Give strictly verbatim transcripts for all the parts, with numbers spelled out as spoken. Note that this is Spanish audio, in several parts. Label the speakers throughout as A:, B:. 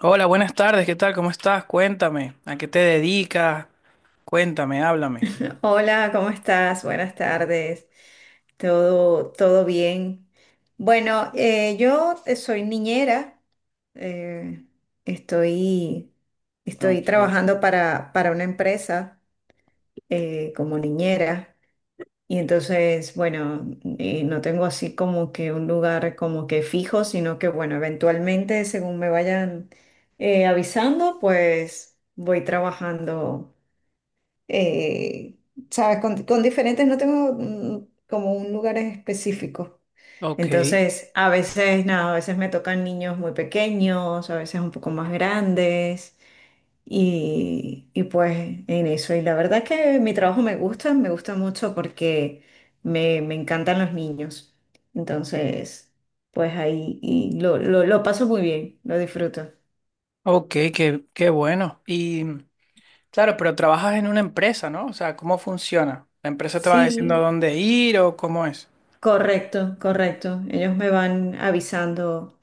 A: Hola, buenas tardes, ¿qué tal? ¿Cómo estás? Cuéntame, ¿a qué te dedicas? Cuéntame, háblame.
B: Hola, ¿cómo estás? Buenas tardes. ¿Todo, todo bien? Bueno, eh, yo eh, soy niñera. eh, estoy, estoy
A: Ok,
B: trabajando para, para una empresa eh, como niñera. Y entonces, bueno, eh, no tengo así como que un lugar como que fijo, sino que, bueno, eventualmente, según me vayan eh, avisando, pues voy trabajando eh, ¿sabes? Con, con diferentes no tengo mm, como un lugar específico.
A: ok,
B: Entonces, a veces, nada, a veces me tocan niños muy pequeños, a veces un poco más grandes. Y, y pues en eso, y la verdad es que mi trabajo me gusta, me gusta mucho porque me, me encantan los niños. Entonces, pues ahí y lo, lo, lo paso muy bien, lo disfruto.
A: ok, qué, qué bueno. Y claro, pero trabajas en una empresa, ¿no? O sea, ¿cómo funciona? ¿La empresa te va diciendo a
B: Sí,
A: dónde ir o cómo es?
B: correcto, correcto. Ellos me van avisando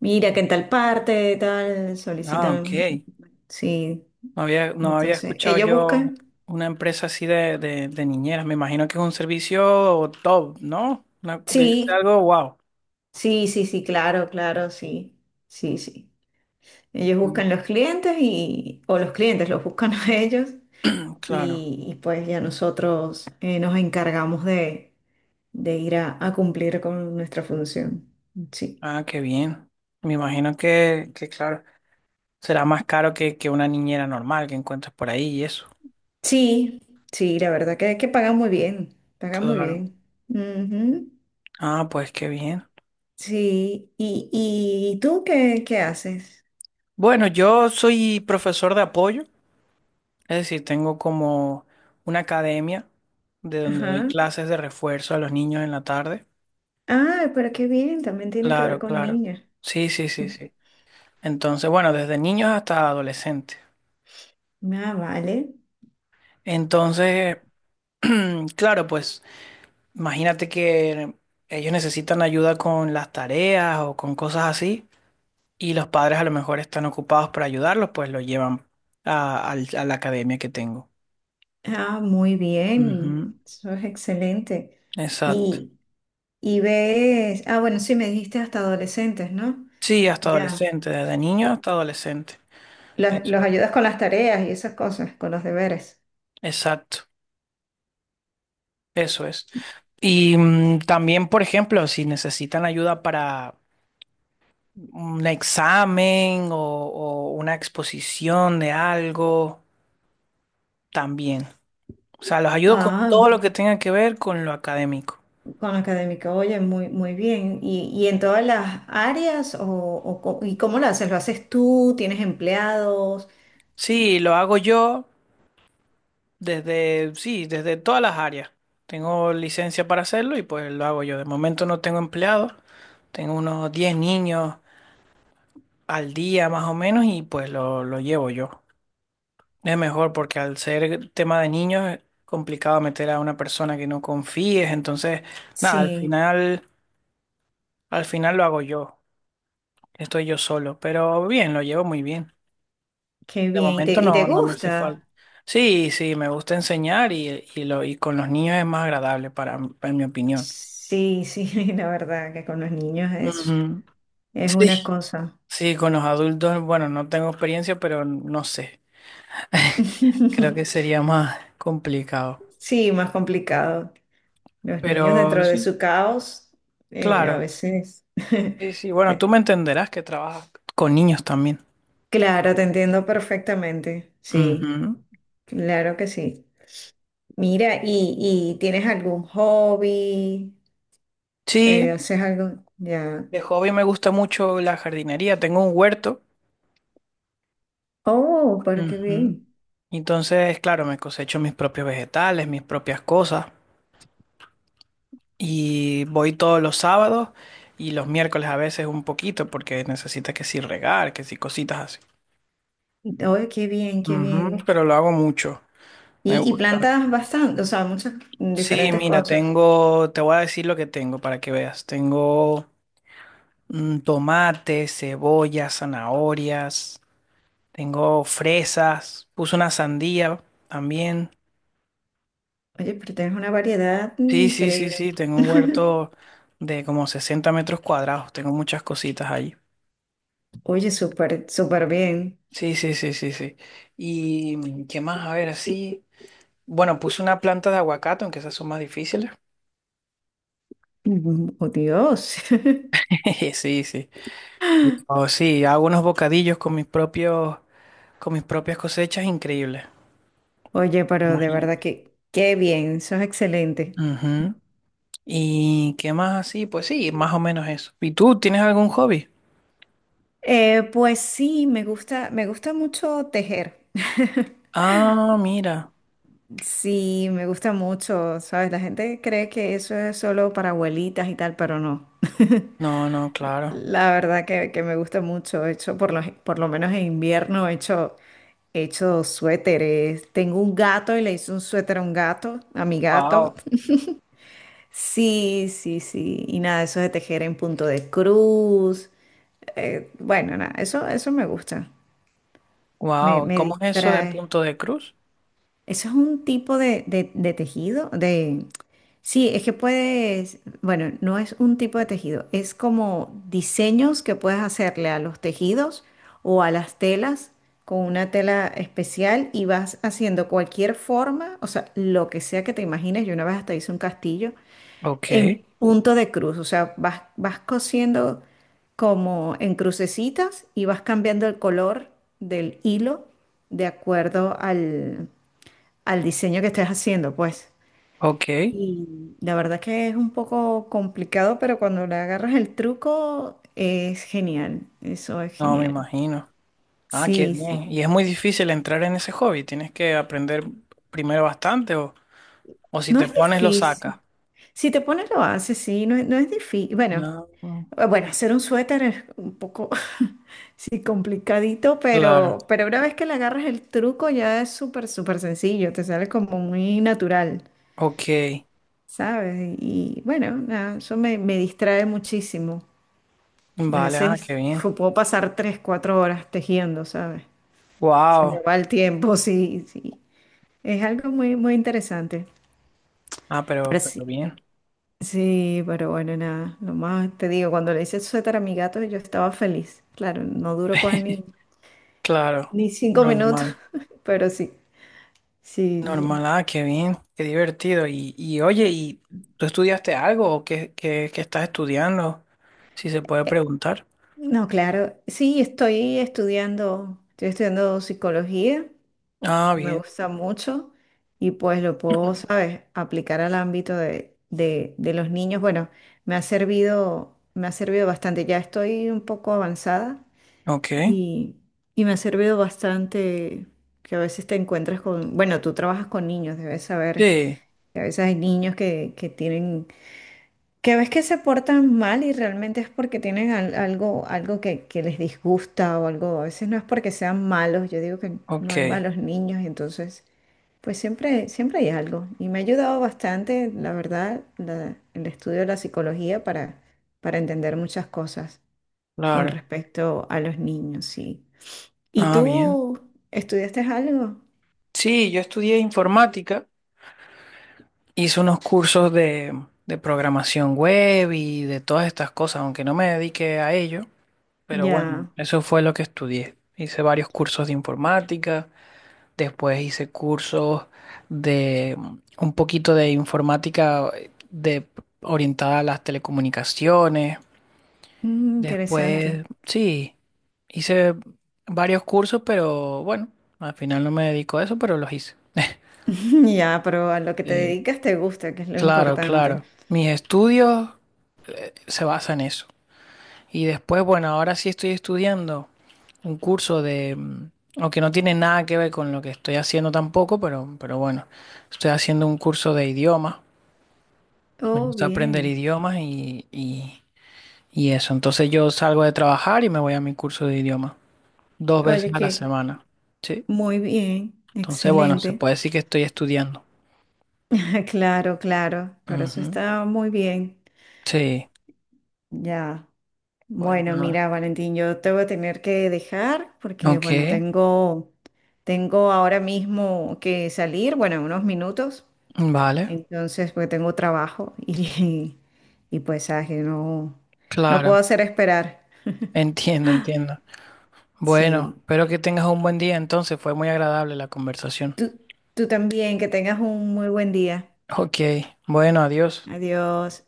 B: mira que en tal parte, tal,
A: Ah,
B: solicitan.
A: ok.
B: Sí,
A: No había, no había
B: entonces,
A: escuchado
B: ellos
A: yo
B: buscan.
A: una empresa así de, de, de niñeras. Me imagino que es un servicio top, ¿no? Una- debe ser
B: Sí,
A: algo wow.
B: sí, sí, sí, claro, claro, sí, sí, sí. Ellos buscan los clientes y, o los clientes los buscan a ellos
A: Claro.
B: y, y pues ya nosotros eh, nos encargamos de, de ir a, a cumplir con nuestra función. Sí,
A: Ah, qué bien. Me imagino que, que claro. Será más caro que, que una niñera normal que encuentres por ahí y eso.
B: sí, sí, la verdad que, que pagan muy bien, pagan muy
A: Claro.
B: bien. Ujú.
A: Ah, pues qué bien.
B: Sí, ¿y, y tú qué, qué haces?
A: Bueno, yo soy profesor de apoyo, es decir, tengo como una academia de donde doy
B: Ajá.
A: clases de refuerzo a los niños en la tarde.
B: Ah, pero qué bien, también tiene que ver
A: Claro,
B: con
A: claro.
B: niños.
A: Sí, sí, sí, sí. Entonces, bueno, desde niños hasta adolescentes.
B: Ah, vale.
A: Entonces, claro, pues imagínate que ellos necesitan ayuda con las tareas o con cosas así. Y los padres a lo mejor están ocupados para ayudarlos, pues lo llevan a, al- a la academia que tengo.
B: Ah, muy bien,
A: Ujú.
B: eso es excelente.
A: Exacto.
B: Y, y ves, ah, bueno, sí, me dijiste hasta adolescentes, ¿no?
A: Sí, hasta
B: Ya.
A: adolescente, desde niño hasta adolescente.
B: Los, los
A: Eso es.
B: ayudas con las tareas y esas cosas, con los deberes.
A: Exacto, eso es. Y mm, también, por ejemplo, si necesitan ayuda para un examen o, o una exposición de algo, también. O sea, los ayudo con
B: Ah,
A: todo lo que tenga que ver con lo académico.
B: con académica, oye, muy, muy bien. ¿Y, y en todas las áreas o, o co- y cómo lo haces? ¿Lo haces tú? ¿Tienes empleados?
A: Sí, lo hago yo. Desde, sí, desde todas las áreas. Tengo licencia para hacerlo y pues lo hago yo. De momento no tengo empleados, tengo unos diez niños al día más o menos y pues lo, lo llevo yo. Es mejor porque al ser tema de niños es complicado meter a una persona que no confíes, entonces nada, al
B: Sí.
A: final, al final lo hago yo. Estoy yo solo, pero bien, lo llevo muy bien.
B: Qué
A: De
B: bien, ¿y te,
A: momento
B: y te
A: no, no me hace falta.
B: gusta?
A: Sí, sí, me gusta enseñar y, y, lo, y con los niños es más agradable para, en mi opinión.
B: Sí, sí, la verdad que con los niños es,
A: Ujú.
B: es una
A: Sí,
B: cosa.
A: sí, con los adultos, bueno, no tengo experiencia, pero no sé. Creo que sería más complicado.
B: Sí, más complicado. Los niños
A: Pero
B: dentro de
A: sí,
B: su caos, eh, a
A: claro.
B: veces.
A: Sí, sí, bueno, tú
B: te-
A: me entenderás que trabajas con niños también.
B: claro, te entiendo perfectamente. Sí,
A: Ujú.
B: claro que sí. Mira, ¿y, y tienes algún hobby? Eh,
A: Sí,
B: ¿haces algo? Ya.
A: de hobby me gusta mucho la jardinería. Tengo un huerto.
B: Oh, pero qué
A: Ujú.
B: bien.
A: Entonces, claro, me cosecho mis propios vegetales, mis propias cosas. Y voy todos los sábados y los miércoles a veces un poquito porque necesitas que si regar, que si cositas así.
B: Oh, qué bien, qué
A: Ujú,
B: bien.
A: pero lo hago mucho, me
B: Y, y
A: gusta.
B: plantas bastante, o sea, muchas mm,
A: Sí,
B: diferentes
A: mira,
B: cosas.
A: tengo, te voy a decir lo que tengo para que veas. Tengo mm, tomate, cebolla, zanahorias, tengo fresas, puse una sandía también.
B: Oye, pero tienes una variedad
A: Sí, sí, sí, sí,
B: increíble.
A: tengo un huerto de como sesenta metros cuadrados, tengo muchas cositas allí.
B: Oye, súper, súper bien.
A: Sí, sí, sí, sí, sí. ¿Y mm, qué más? A ver, así. Bueno, puse una planta de aguacate, aunque esas son más difíciles.
B: Mm, oh, Dios.
A: Sí, sí. Oh, sí, hago unos bocadillos con mis propios, con mis propias cosechas, increíbles.
B: Oye, pero de verdad
A: Imagínate.
B: que qué bien, sos excelente.
A: Ujú. ¿Y qué más así? Pues sí, más o menos eso. ¿Y tú tienes algún hobby?
B: Eh, pues sí, me gusta, me gusta mucho tejer.
A: Ah, mira.
B: Sí, me gusta mucho, ¿sabes? La gente cree que eso es solo para abuelitas y tal, pero no.
A: No, no, claro.
B: La verdad que, que me gusta mucho. He hecho, por lo, por lo menos en invierno, he hecho, he hecho suéteres. Tengo un gato y le hice un suéter a un gato, a mi gato.
A: Wow.
B: Sí, sí, sí. Y nada, eso de tejer en punto de cruz. Eh, bueno, nada, eso, eso me gusta. Me,
A: Wow.
B: me
A: ¿Cómo es eso de
B: distrae.
A: punto de cruz?
B: Eso es un tipo de, de- de tejido, de... Sí, es que puedes, bueno, no es un tipo de tejido, es como diseños que puedes hacerle a los tejidos o a las telas con una tela especial y vas haciendo cualquier forma, o sea, lo que sea que te imagines. Yo una vez hasta hice un castillo
A: Ok,
B: en punto de cruz, o sea, vas, vas cosiendo como en crucecitas y vas cambiando el color del hilo de acuerdo al diseño que estés haciendo, pues.
A: ok.
B: La verdad que es un poco complicado, pero cuando le agarras el truco es genial. Eso es
A: No, me
B: genial.
A: imagino. Ah, qué
B: Sí, sí.
A: bien. Y es muy difícil entrar en ese hobby. Tienes que aprender primero bastante o, o si
B: No
A: te
B: es
A: pones lo sacas.
B: difícil. Si te pones lo haces, sí, no es, no es difícil. Bueno,
A: No,
B: eh, bueno, hacer un suéter es un poco, sí, complicadito,
A: claro.
B: pero, pero una vez que le agarras el truco ya es súper, súper sencillo. Te sale como muy natural,
A: Ok.
B: ¿sabes? Y bueno, nada, eso me me distrae muchísimo. A
A: Vale, ah,
B: veces
A: qué bien.
B: fu- puedo pasar tres, cuatro horas tejiendo, ¿sabes? Se me
A: Wow.
B: va el tiempo, sí, sí. Es algo muy, muy interesante.
A: Ah, pero,
B: Pero
A: pero
B: sí,
A: bien.
B: sí, pero bueno, nada. Lo más te digo, cuando le hice el suéter a mi gato, yo estaba feliz. Claro, no duró con ni,
A: Claro,
B: ni cinco minutos,
A: normal.
B: pero sí, sí, sí.
A: Normal, ah, qué bien, qué divertido. Y, y oye, ¿y tú estudiaste algo o qué, qué, qué, estás estudiando? Si se puede
B: Eh,
A: preguntar.
B: no, claro, sí, estoy estudiando, estoy estudiando psicología
A: Ah,
B: me
A: bien.
B: gusta mucho y pues lo puedo, ¿sabes?, aplicar al ámbito de, de- de los niños. Bueno, me ha servido, me ha servido bastante. Ya estoy un poco avanzada
A: Ok.
B: y, y me ha servido bastante que a veces te encuentras con, bueno, tú trabajas con niños, debes saber
A: Sí,
B: que a veces hay niños que, que tienen, que ves que se portan mal y realmente es porque tienen al- algo, algo que, que les disgusta o algo, a veces no es porque sean malos, yo digo que no hay
A: ok.
B: malos niños, entonces... Pues siempre, siempre hay algo y me ha ayudado bastante, la verdad, la- el estudio de la psicología para, para entender muchas cosas con
A: Claro.
B: respecto a los niños, sí. ¿Y
A: Ah, bien.
B: tú estudiaste algo?
A: Sí, yo estudié informática. Hice unos cursos de, de programación web y de todas estas cosas, aunque no me dediqué a ello. Pero bueno,
B: Ya.
A: eso fue lo que estudié. Hice varios cursos de informática, después hice cursos de mm, un poquito de informática eh, de, orientada a las telecomunicaciones.
B: Mm, interesante.
A: Después, sí, hice varios cursos, pero bueno, al final no me dedico a eso, pero los hice.
B: Ya, pero a lo que te
A: Sí,
B: dedicas te gusta, que es lo
A: claro,
B: importante.
A: claro. Mis estudios se basan en eso. Y después, bueno, ahora sí estoy estudiando un curso de, mm, aunque no tiene nada que ver con lo que estoy haciendo tampoco, pero, pero bueno, estoy haciendo un curso de idiomas. Me
B: Oh,
A: gusta aprender
B: bien.
A: idiomas y, y, y eso. Entonces yo salgo de trabajar y me voy a mi curso de idiomas dos
B: Oye,
A: veces a la
B: que
A: semana. Sí.
B: muy bien,
A: Entonces, bueno, se
B: excelente.
A: puede decir que estoy estudiando.
B: Claro, claro, pero eso
A: Ujú.
B: está muy bien.
A: Sí.
B: Ya.
A: Pues
B: Bueno,
A: nada.
B: mira, Valentín, yo te voy a tener que dejar porque,
A: Ok.
B: bueno, tengo, tengo ahora mismo que salir, bueno, en unos minutos,
A: Vale.
B: entonces, porque tengo trabajo y, y pues, sabes que no, no puedo
A: Claro.
B: hacer esperar.
A: Entiendo, entiendo. Bueno,
B: Sí.
A: espero que tengas un buen día entonces, fue muy agradable la conversación.
B: Tú, tú también, que tengas un muy buen día.
A: Ok, bueno, adiós.
B: Adiós.